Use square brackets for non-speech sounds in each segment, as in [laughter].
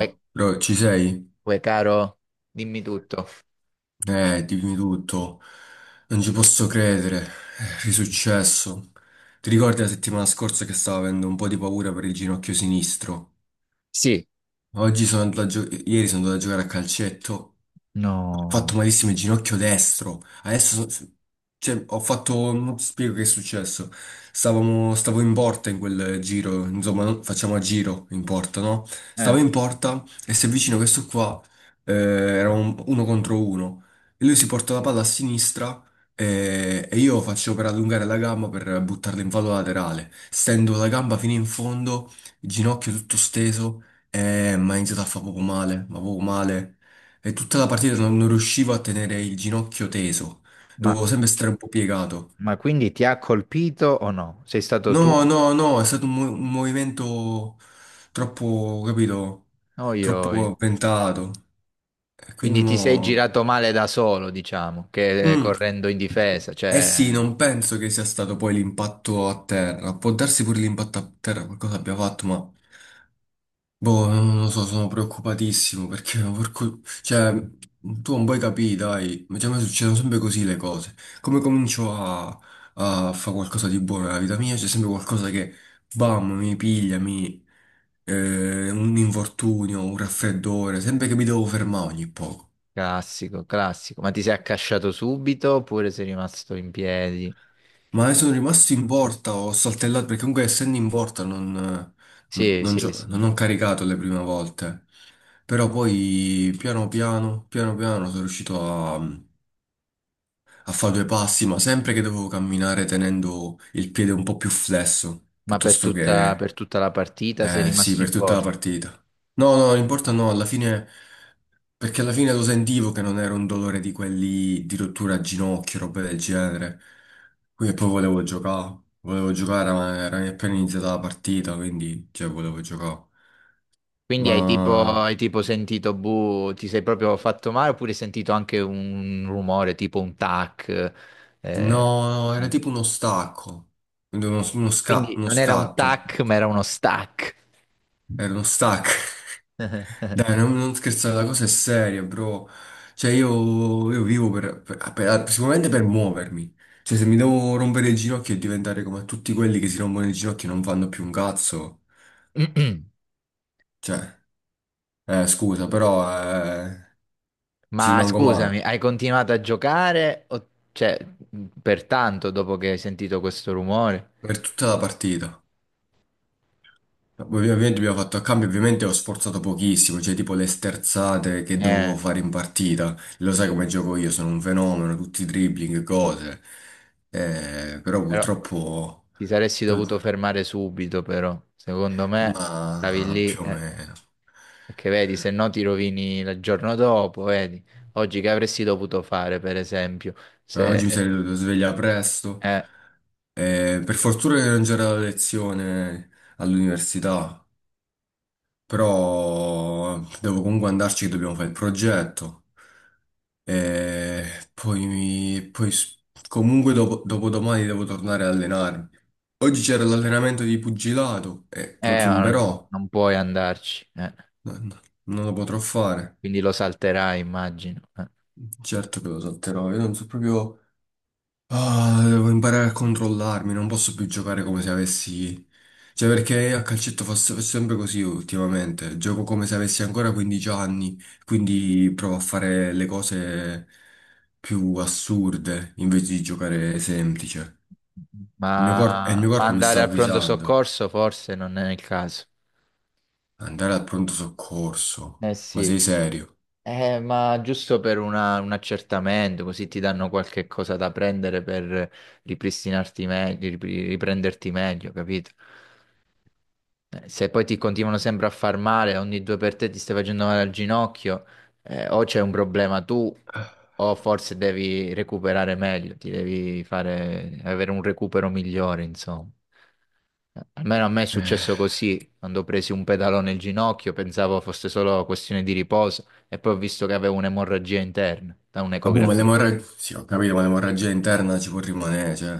Uè, bro, ci sei? uè, caro, dimmi tutto. Dimmi tutto. Non ci posso credere. È risuccesso. Ti ricordi la settimana scorsa che stavo avendo un po' di paura per il ginocchio sinistro? Sì, Oggi sono andato a gio- Ieri sono andato a giocare a calcetto. Ho fatto no. malissimo il ginocchio destro. Adesso, so- cioè, ho fatto, Non ti spiego che è successo. Stavo in porta in quel giro, insomma, facciamo a giro in porta, no? Stavo Eh, in porta e si avvicina questo qua, era uno contro uno. E lui si porta la palla a sinistra e io faccio per allungare la gamba per buttarla in fallo laterale. Stendo la gamba fino in fondo, il ginocchio tutto steso, e mi ha iniziato a fare poco male, ma poco male. E tutta la partita non riuscivo a tenere il ginocchio teso, Ma, dovevo sempre stare un po' piegato. ma quindi ti ha colpito o no? Sei stato tu? No, no, no, è stato un movimento troppo, capito, Oi, oi. troppo ventato. E quindi Quindi ti sei mo... girato male da solo, diciamo, che Mm. correndo in difesa, Eh sì, cioè, non penso che sia stato poi l'impatto a terra. Può darsi pure l'impatto a terra, qualcosa abbia fatto, ma... Boh, non lo so, sono preoccupatissimo perché [laughs] tu non puoi capire, dai, cioè, a me succedono sempre così le cose. Come comincio a fare qualcosa di buono nella vita mia, c'è sempre qualcosa che, bam, mi piglia, un infortunio, un raffreddore, sempre che mi devo fermare ogni poco. classico, classico. Ma ti sei accasciato subito oppure sei rimasto in piedi? Ma adesso sono rimasto in porta, ho saltellato, perché comunque essendo in porta Sì, sì, sì. non ho caricato le prime volte. Però poi piano piano, piano piano sono riuscito a a fare due passi, ma sempre che dovevo camminare tenendo il piede un po' più flesso, Ma per piuttosto tutta, che, per tutta la partita sei eh sì, rimasto in per tutta la porta? partita. No, no, non importa, no, alla fine, perché alla fine lo sentivo che non era un dolore di quelli di rottura a ginocchio, roba del genere. Quindi poi volevo giocare, ma era appena iniziata la partita, quindi, cioè, volevo giocare. Quindi hai tipo, Ma, hai tipo sentito, buh, ti sei proprio fatto male oppure hai sentito anche un rumore tipo un tac? eh. no, no, era tipo uno stacco, Quindi uno non era un scatto, tac, ma era uno stack. era uno stacco. [clears throat] Dai, non scherzare, la cosa è seria, bro. Cioè, io vivo sicuramente per muovermi. Cioè, se mi devo rompere il ginocchio e diventare come tutti quelli che si rompono il ginocchio e non fanno più un cazzo, cioè, scusa, però eh, ci Ma rimango scusami, male hai continuato a giocare? Cioè, per tanto dopo che hai sentito questo rumore? per tutta la partita. Ovviamente abbiamo fatto a cambio, ovviamente ho sforzato pochissimo, cioè tipo le sterzate che Eh, dovevo fare in partita. Lo sai come gioco io, sono un fenomeno, tutti i dribbling, cose. Però però purtroppo... ti saresti dovuto fermare subito, però. Secondo me stavi ma lì. più o meno. Perché vedi, se no ti rovini il giorno dopo, vedi. Oggi che avresti dovuto fare, per esempio, Ma se... oggi mi sarei Mm. dovuto svegliare presto. Eh, Per fortuna che non c'era la lezione all'università, però devo comunque andarci che dobbiamo fare il progetto. E poi, comunque dopo, dopodomani devo tornare a allenarmi. Oggi c'era l'allenamento di pugilato e lo ma non, zumberò. non puoi andarci, eh. No, no, non lo potrò fare. Quindi lo salterai, immagino. Certo che lo salterò. Io non so proprio. Ah, devo imparare a controllarmi, non posso più giocare come se avessi... Cioè, perché a calcetto faccio sempre così ultimamente. Gioco come se avessi ancora 15 anni, quindi provo a fare le cose più assurde invece di giocare semplice. Il mio corpo, e il mio Ma corpo mi sta andare al pronto avvisando. soccorso forse non è il caso. Andare al pronto soccorso. Eh Ma sì. sei serio? Ma giusto per una- un accertamento, così ti danno qualche cosa da prendere per ripristinarti meglio, riprenderti meglio, capito? Se poi ti continuano sempre a far male, ogni due per te ti stai facendo male al ginocchio, o c'è un problema tu, o forse devi recuperare meglio, ti devi fare, avere un recupero migliore, insomma. Almeno a me è successo Eh. così, quando ho preso un pedalone al ginocchio, pensavo fosse solo questione di riposo, e poi ho visto che avevo un'emorragia interna da Ma boh, ma un'ecografia. l'emorragia... Sì, ho capito, ma l'emorragia interna ci può rimanere, cioè...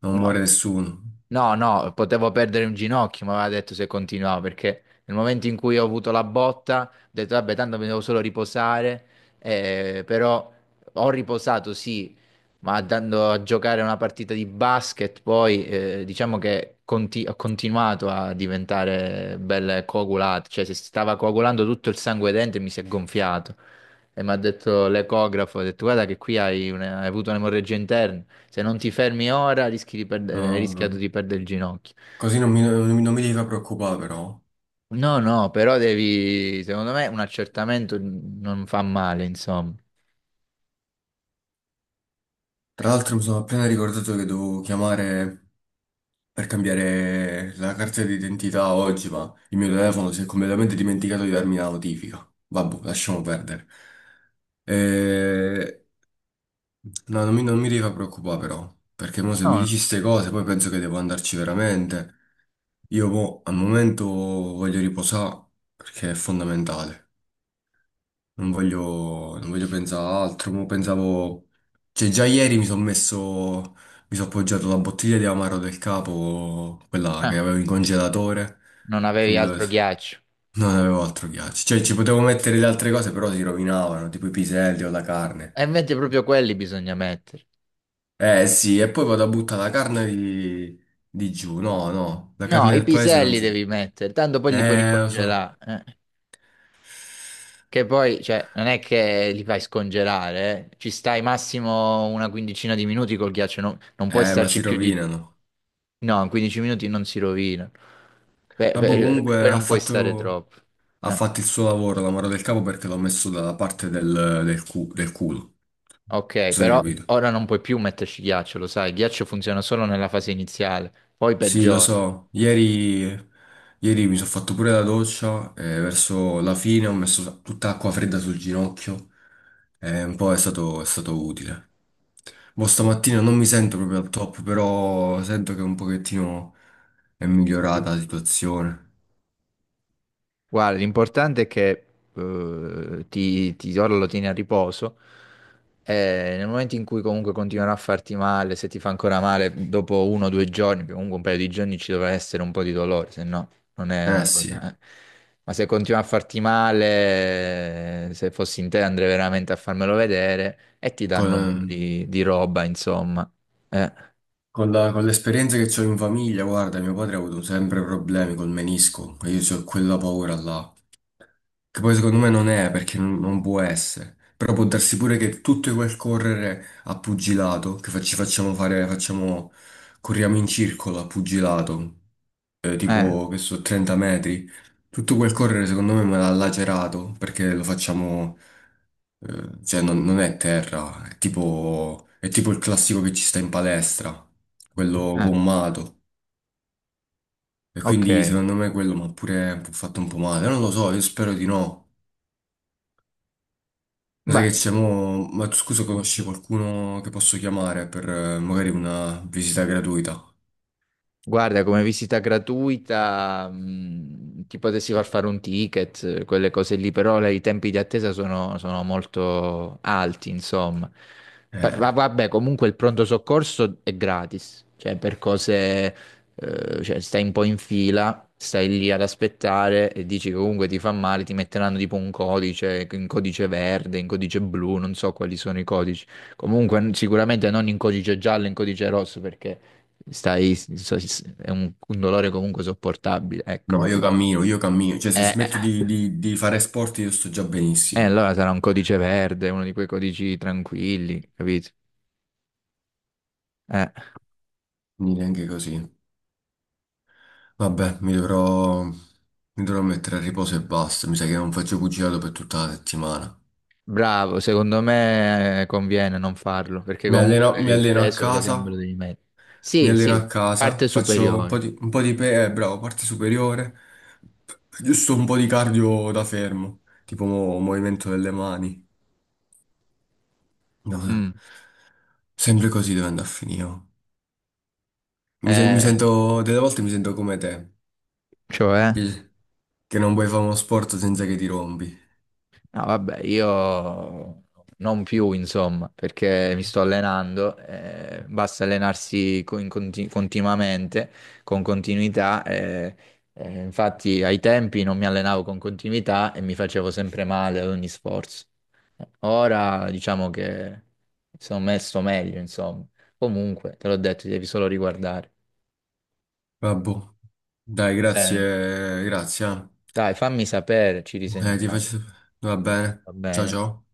Non No, muore nessuno. no, no, potevo perdere un ginocchio, mi aveva detto se continuavo, perché nel momento in cui ho avuto la botta, ho detto, vabbè, tanto mi devo solo riposare, però ho riposato, sì, ma andando a giocare una partita di basket, poi diciamo che ho continuato a diventare belle coagulate, cioè si stava coagulando tutto il sangue dentro e mi si è gonfiato. E mi ha detto l'ecografo, ha detto, guarda che qui hai, hai avuto un'emorragia interna. Se non ti fermi ora, rischi di perdere, hai No, rischiato bro. di perdere il ginocchio. Così non mi devi far preoccupare però. No, no, però devi, secondo me, un accertamento non fa male, insomma. Tra l'altro mi sono appena ricordato che devo chiamare per cambiare la carta d'identità oggi, ma il mio telefono si è completamente dimenticato di darmi la notifica. Vabbè, lasciamo perdere. Eh, No, non mi devi far preoccupare però, perché mo se No, mi dici no. queste cose poi penso che devo andarci veramente. Io mo, al momento voglio riposare perché è fondamentale. Non voglio pensare a altro, mo pensavo... Cioè, già ieri mi sono messo... Mi sono appoggiato la bottiglia di amaro del capo, quella che Ah, avevo in congelatore, non sul... avevi no, altro ghiaccio. non avevo altro ghiaccio. Cioè, ci potevo mettere le altre cose, però si rovinavano, tipo i piselli o la carne. E invece proprio quelli bisogna mettere. Eh sì, e poi vado a buttare la carne di giù. No, no, la No, carne i del paese non piselli si... devi mettere, tanto poi li puoi lo so. ricongelare. Eh. Che poi, cioè, non è che li fai scongelare, eh. Ci stai massimo una quindicina di minuti col ghiaccio, non puoi Ma starci si più di... rovinano. No, in 15 minuti non si rovina. Beh, Vabbè, beh, comunque poi ha non puoi stare fatto... troppo. Ha Eh, fatto il suo lavoro, la mano del capo, perché l'ho messo dalla parte del, del culo. Non ok, so se hai però capito. ora non puoi più metterci ghiaccio, lo sai, il ghiaccio funziona solo nella fase iniziale, poi Sì, lo peggiora. so. Ieri mi sono fatto pure la doccia e verso la fine ho messo tutta acqua fredda sul ginocchio e un po' è stato utile. Boh, stamattina non mi sento proprio al top, però sento che un pochettino è migliorata la situazione. Guarda, l'importante è che ti ora lo tieni a riposo e nel momento in cui comunque continuerà a farti male, se ti fa ancora male dopo uno o due giorni, perché comunque un paio di giorni ci dovrà essere un po' di dolore, se no non è Eh una sì, cosa... Ma se continua a farti male, se fossi in te andrei veramente a farmelo vedere e ti danno un po' con- di roba, insomma. Eh, Con con l'esperienza che ho in famiglia, guarda, mio padre ha avuto sempre problemi col menisco e io ho quella paura là, che poi secondo me non è perché non può essere, però può darsi pure che tutto quel correre a pugilato, che fa- ci facciamo fare, facciamo, corriamo in circolo a pugilato, eh, tipo che so, 30 metri. Tutto quel correre secondo me me l'ha lacerato perché lo facciamo, cioè non è terra, è tipo il classico che ci sta in palestra, quello eh, gommato. E quindi ok. secondo me quello mi ha pure fatto un po' male. Non lo so, io spero di no. Ma sai che Beh, c'è mo... Ma tu scusa, conosci qualcuno che posso chiamare per magari una visita gratuita? guarda, come visita gratuita, ti potessi far fare un ticket, quelle cose lì, però i tempi di attesa sono molto alti, insomma. Eh, Vabbè, comunque il pronto soccorso è gratis, cioè per cose, cioè stai un po' in fila, stai lì ad aspettare e dici che comunque ti fa male, ti metteranno tipo un codice, in codice verde, in codice blu, non so quali sono i codici. Comunque sicuramente non in codice giallo, in codice rosso, perché stai, so- è un dolore comunque sopportabile, ecco. no, io cammino. Cioè, se Eh, eh, smetto di fare sport io sto già benissimo. allora sarà un codice verde, uno di quei codici tranquilli, capito? Eh, Quindi neanche così. Vabbè, mi dovrò mettere a riposo e basta. Mi sa che non faccio pugilato per tutta la settimana. bravo, secondo me conviene non farlo, perché Mi alleno, comunque mi il alleno a peso le casa, gambe lo devi mettere. mi Sì, alleno sì, a casa, parte faccio un po' superiore. di, un po' di, bravo, parte superiore, giusto un po' di cardio da fermo, tipo movimento delle mani. No, Mm. sempre così deve andare a finire. Oh. Mi, sen- mi Eh, sento, Delle volte mi sento come te, cioè? che, che non puoi fare uno sport senza che ti rompi. No, vabbè, io non più, insomma, perché mi sto allenando, basta allenarsi continuamente, con continuità. Infatti ai tempi non mi allenavo con continuità e mi facevo sempre male ad ogni sforzo. Ora diciamo che sono messo meglio, insomma. Comunque, te l'ho detto, ti devi solo riguardare. Vabbè. Boh. Dai, Bene. grazie, grazie. Eh. Dai, fammi sapere, ci Ti risentiamo. faccio... Va bene. Va Ciao bene? ciao.